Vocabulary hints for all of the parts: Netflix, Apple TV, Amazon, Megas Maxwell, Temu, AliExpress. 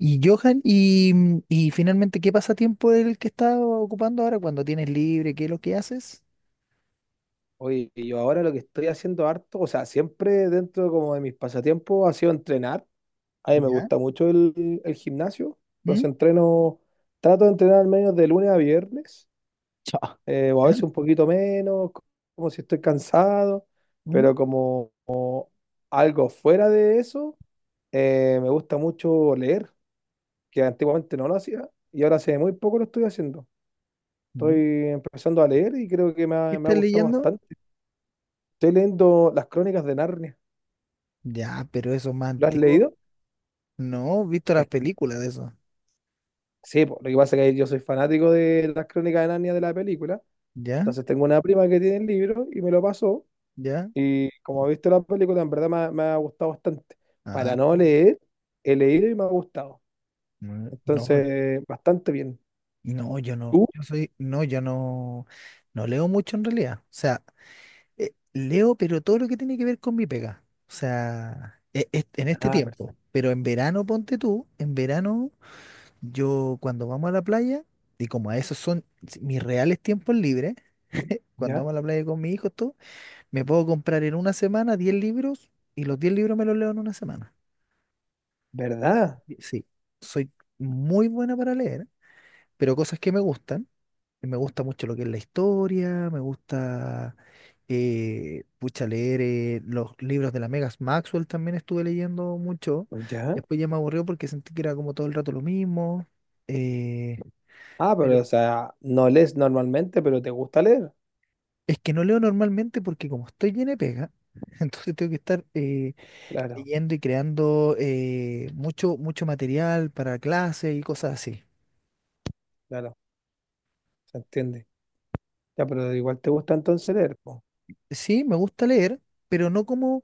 Y Johan, y finalmente, ¿qué pasatiempo es el que estás ocupando ahora cuando tienes libre? ¿Qué es lo que haces? Oye, yo ahora lo que estoy haciendo harto, o sea, siempre dentro como de mis pasatiempos ha sido entrenar. A mí me ¿Ya? gusta mucho el gimnasio, entonces ¿Mm? entreno, trato de entrenar al menos de lunes a viernes, Chao. O a ¿Ya? veces un poquito menos, como si estoy cansado, ¿Mm? pero como algo fuera de eso, me gusta mucho leer, que antiguamente no lo hacía, y ahora hace muy poco lo estoy haciendo. Estoy ¿Mm? empezando a leer y creo que ¿Qué me ha estás gustado leyendo? bastante. Estoy leyendo Las Crónicas de Narnia. Ya, pero eso es más ¿Lo has antiguo. leído? No, he visto las es- películas de eso. sí, po, lo que pasa es que yo soy fanático de Las Crónicas de Narnia de la película. ¿Ya? Entonces tengo una prima que tiene el libro y me lo pasó. ¿Ya? Y como he visto la película, en verdad me ha gustado bastante. Ah, Para no leer, he leído y me ha gustado. No, Entonces, bastante bien. no, yo no, ¿Tú? yo soy, no, yo no, no leo mucho en realidad. O sea, leo, pero todo lo que tiene que ver con mi pega. O sea, en este Ah, tiempo. perfecto. Pero en verano, ponte tú, en verano. Yo cuando vamos a la playa, y como a esos son mis reales tiempos libres, cuando ¿Ya? vamos a la playa con mi hijo todo, me puedo comprar en una semana 10 libros y los 10 libros me los leo en una semana. ¿Verdad? Y sí, soy muy buena para leer, pero cosas que me gustan. Y me gusta mucho lo que es la historia, me gusta, pucha, leer los libros de la Megas Maxwell también estuve leyendo mucho. ¿Ya? Después ya me aburrió porque sentí que era como todo el rato lo mismo. eh, Ah, pero o sea, no lees normalmente, pero te gusta leer. Es que no leo normalmente porque como estoy lleno de pega, entonces tengo que estar Claro, leyendo y creando mucho material para clases y cosas así. claro, se entiende. Ya, pero igual te gusta entonces leer, po, Sí, me gusta leer, pero no como,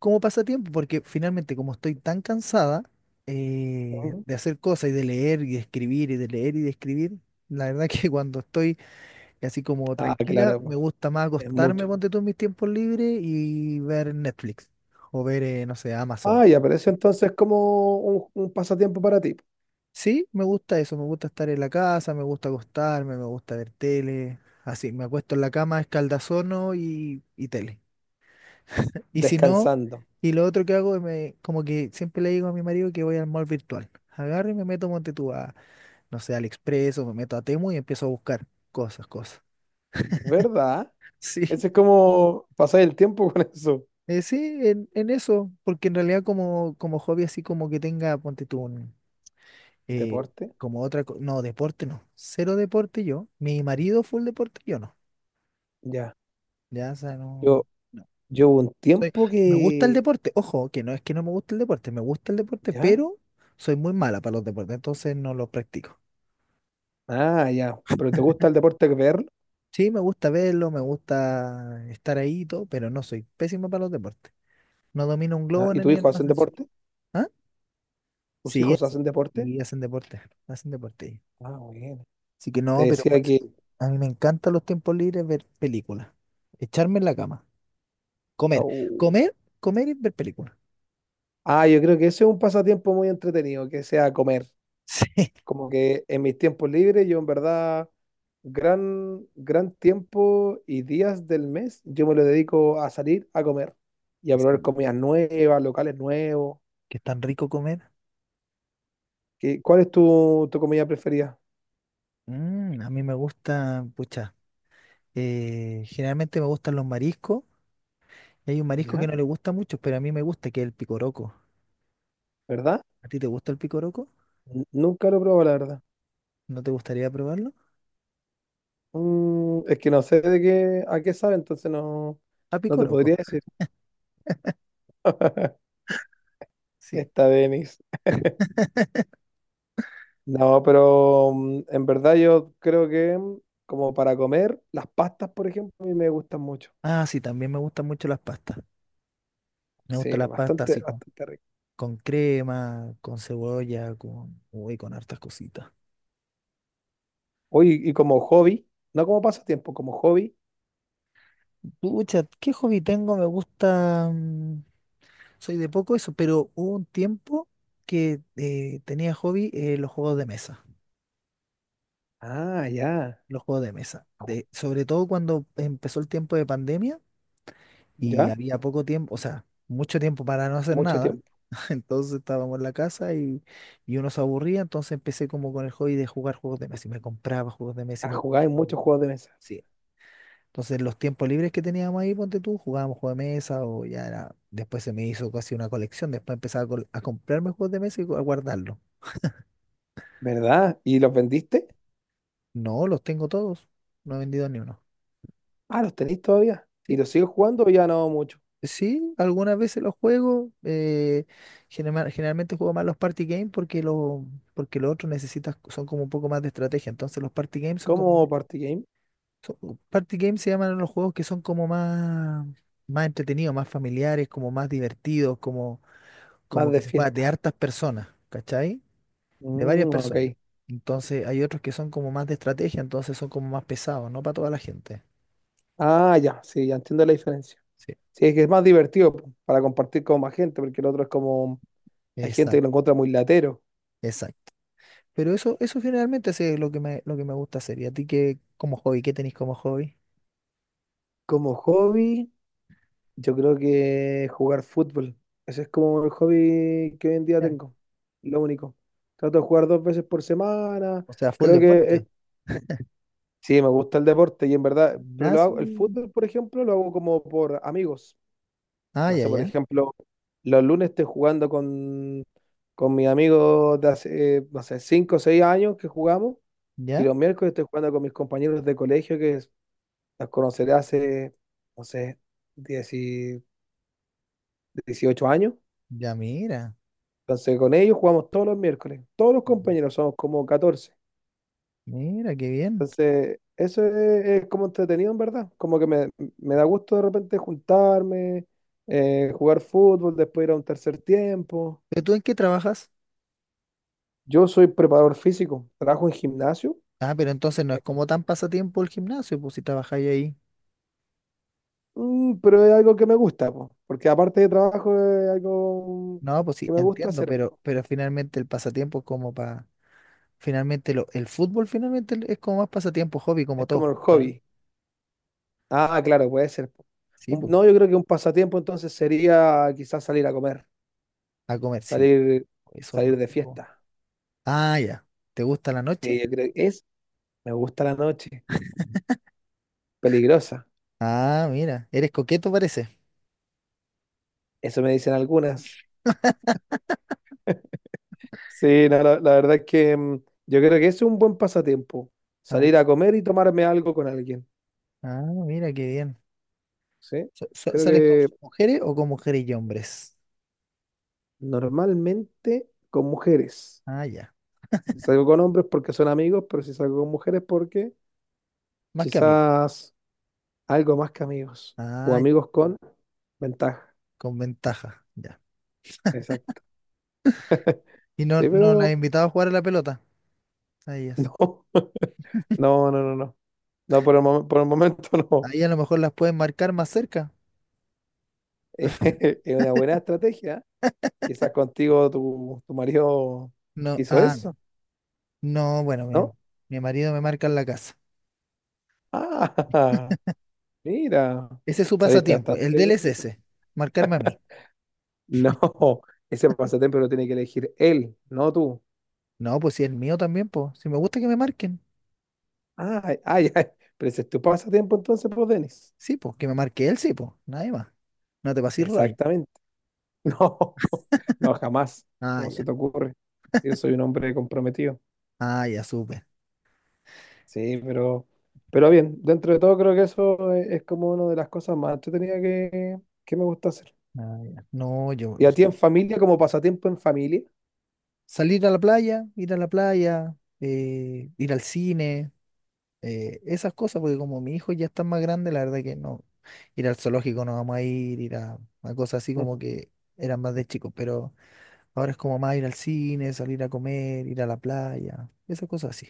como pasatiempo, porque finalmente como estoy tan cansada ¿no? de hacer cosas y de leer y de escribir y de leer y de escribir, la verdad que cuando estoy así como Ah, tranquila, claro, me po, gusta más es acostarme, mucho. ponte tú en mis tiempos libres y ver Netflix o ver, no sé, Amazon. Ah, ya, pero eso entonces es como un pasatiempo para ti, Sí, me gusta eso, me gusta estar en la casa, me gusta acostarme, me gusta ver tele, así, me acuesto en la cama, escaldazono y tele. Y si no, descansando, y lo otro que hago, es me, como que siempre le digo a mi marido que voy al mall virtual. Agarro y me meto, monte tú a, no sé, AliExpress o me meto a Temu y empiezo a buscar cosas. ¿verdad? Sí, Ese es como pasar el tiempo con eso. Sí, en eso, porque en realidad como hobby así como que tenga, ponte tú un... eh, Deporte, como otra, no, deporte no, cero deporte yo, mi marido full deporte yo no. ya. Ya, o sea, no, Yo, no. yo hubo un Soy, tiempo me gusta el que, deporte. Ojo, que no es que no me guste el deporte, me gusta el deporte, ya, pero soy muy mala para los deportes, entonces no los practico. ah, ya. Pero ¿te gusta el deporte que ver? Sí, me gusta verlo, me gusta estar ahí y todo, pero no soy pésimo para los deportes. No domino un Ah, globo ¿y tu ni en hijo un hacen ascensor. deporte? ¿Ah? ¿Tus Sí, hijos hacen, hacen deporte? y hacen deporte, hacen deporte. Ah, bueno. Así que Te no, pero por decía eso que, te digo, a mí me encantan los tiempos libres ver películas, echarme en la cama, comer, au. Comer y ver películas. Ah, yo creo que ese es un pasatiempo muy entretenido, que sea comer. Como que en mis tiempos libres yo en verdad gran tiempo y días del mes yo me lo dedico a salir a comer y a Sí, probar sí, comidas nuevas, locales nuevos. que es tan rico comer. ¿Qué- cuál es tu comida preferida? Mm, a mí me gusta, pucha, generalmente me gustan los mariscos. Hay un marisco que ¿Ya? no le gusta mucho, pero a mí me gusta, que es el picoroco. ¿Verdad? ¿A ti te gusta el picoroco? Nunca lo he probado, la verdad. ¿No te gustaría probarlo? Mm, es que no sé de qué, a qué sabe, entonces no, A no te picoroco, podría decir. sí. Está Denis. No, pero en verdad yo creo que como para comer, las pastas, por ejemplo, a mí me gustan mucho. Ah, sí, también me gustan mucho las pastas. Me Sí, gustan las pastas bastante, así con, bastante rico. con crema, con cebolla, con, uy, con hartas cositas. Oye, y como hobby, no como pasatiempo, como hobby. Pucha, ¿qué hobby tengo? Me gusta, mm, soy de poco eso, pero hubo un tiempo que tenía hobby los juegos de mesa. Ah, ya. Los juegos de mesa. Ju- De, sobre todo cuando empezó el tiempo de pandemia y Ya, había poco tiempo, o sea, mucho tiempo para no hacer mucho nada. tiempo. Entonces estábamos en la casa y uno se aburría, entonces empecé como con el hobby de jugar juegos de mesa y me compraba juegos de mesa y Ah, me jugáis compraba. muchos juegos de mesa, Sí. Entonces los tiempos libres que teníamos ahí, ponte tú, jugábamos juegos de mesa o ya era, después se me hizo casi una colección, después empezaba a, a comprarme juegos de mesa y a guardarlos. ¿verdad? ¿Y los vendiste? No, los tengo todos, no he vendido ni uno. Ah, los tenéis todavía. ¿Y sí los sigues jugando o ya no mucho? Sí, algunas veces los juego. Generalmente juego más los party games porque los otros necesitas, son como un poco más de estrategia. Entonces los party games son como ¿Como party game? Party games se llaman a los juegos que son como más entretenidos, más familiares, como más divertidos, como Más como de que se juega de fiesta. hartas personas, ¿cachai? De varias Mm, ok. personas. Entonces hay otros que son como más de estrategia, entonces son como más pesados, no para toda la gente. Ah, ya, sí, ya entiendo la diferencia. Sí, Sí, es que es más divertido po, para compartir con más gente, porque el otro es como, hay gente que exacto, lo encuentra muy latero. exacto. Pero eso generalmente sí es lo que me gusta hacer. ¿Y a ti qué, como hobby, qué tenéis como hobby? Como hobby. Yo creo que jugar fútbol. Ese es como el hobby que hoy en día Ya. tengo. Lo único. Trato de jugar 2 veces por semana. O sea, full Creo que es- deporte. sí, me gusta el deporte y en verdad, pero lo hago, el Gimnasio. fútbol, por ejemplo, lo hago como por amigos. Ah, No ya, sé, por ya. ejemplo, los lunes estoy jugando con mis amigos de hace, no sé, 5 o 6 años que jugamos y Ya, los miércoles estoy jugando con mis compañeros de colegio que los conoceré hace, no sé, 10 y- 18 años. ya, mira. Entonces, con ellos jugamos todos los miércoles. Todos los compañeros somos como 14. Mira, qué bien. Entonces, eso es como entretenido, en verdad. Como que me da gusto de repente juntarme, jugar fútbol, después ir a un tercer tiempo. ¿Pero tú en qué trabajas? Yo soy preparador físico, trabajo en gimnasio, Ah, pero entonces no es como tan pasatiempo el gimnasio, pues si trabajáis ahí. Pero es algo que me gusta, po, porque aparte de trabajo es algo No, pues sí, que me gusta entiendo, hacer, po. pero finalmente el pasatiempo es como para... Finalmente lo, el fútbol finalmente es como más pasatiempo, hobby, como Es todo como el junto, ¿no? hobby. Ah, claro, puede ser. Po. Sí, pues. No, yo creo que un pasatiempo entonces sería quizás salir a comer. A comer, sí. Salir, Eso es salir de rico. fiesta. Ah, ya. ¿Te gusta la noche? Sí, yo creo que es, me gusta la noche, peligrosa. Ah, mira, eres coqueto parece. Eso me dicen algunas. Sí, no, la verdad es que yo creo que es un buen pasatiempo. Ah, Salir a comer y tomarme algo con alguien. ah, mira, qué bien. Sí, creo ¿Sales con que mujeres o con mujeres y hombres? normalmente con mujeres. Ah, ya. Si salgo con hombres porque son amigos, pero si salgo con mujeres porque Más que amigos. quizás algo más que amigos. O Ah, ya, amigos con ventaja. con ventaja, ya. Exacto. ¿Y no, Sí, no las has pero invitado a jugar a la pelota? A ellas. no, no, no, no, no. No, por el, por el momento no. Ahí a lo mejor las pueden marcar más cerca. Es una buena estrategia. Quizás contigo tu marido No, hizo ah, eso, no, bueno, ¿no? mi marido me marca en la casa. Ah, mira, Ese es su saliste pasatiempo. El de bastante él es coqueta. ese, marcarme a mí. No, ese pasatiempo lo tiene que elegir él, no tú. No, pues si el mío también, pues. Si me gusta que me marquen. Ay, ay, ay, pero ese es tu pasatiempo entonces, pues, Denis. Sí, pues, que me marque él, sí, pues. Nadie más. No te pases rollo. Exactamente. No, no, jamás. Ah, ¿Cómo ya. se te ocurre? Yo soy un hombre comprometido. Ah, ya, supe. Sí, pero bien, dentro de todo creo que eso es como una de las cosas más entretenidas que me gusta hacer. Ah, ya. No, yo Y o a sea, ti en familia, como pasatiempo en familia, salir a la playa, ir a la playa, ir al cine, esas cosas, porque como mi hijo ya está más grande, la verdad que no, ir al zoológico no vamos a ir, ir a cosas así Mm, como que eran más de chicos, pero ahora es como más ir al cine, salir a comer, ir a la playa, esas cosas así.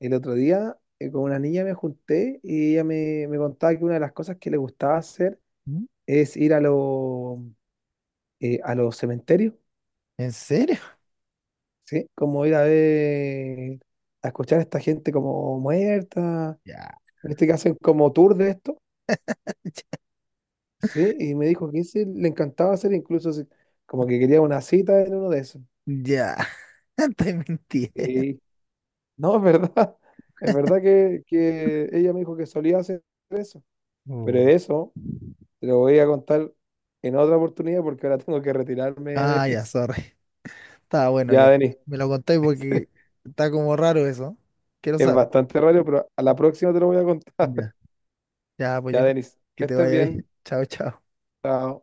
el otro día con una niña me junté y ella me contaba que una de las cosas que le gustaba hacer ¿Mm? es ir a los cementerios, ¿En serio? ¿sí? Como ir a ver, a escuchar a esta gente como muerta, Ya, ¿viste? Que hacen como tour de esto, ¿sí? Y me dijo que ese le encantaba hacer, incluso como que quería una cita en uno de esos. ya, te mentí. Sí. No, es verdad. Es verdad que ella me dijo que solía hacer eso. Pero Oh. eso te lo voy a contar en otra oportunidad porque ahora tengo que retirarme, Ah, ya, Denis. sorry. Está bueno Ya, ya. Denis. Me lo contáis porque está como raro eso. Quiero Es saber. bastante raro, pero a la próxima te lo voy a contar. Ya. Ya, pues Ya, yo, Denis. Que que te estés vaya bien. bien. Chao, chao. Chao.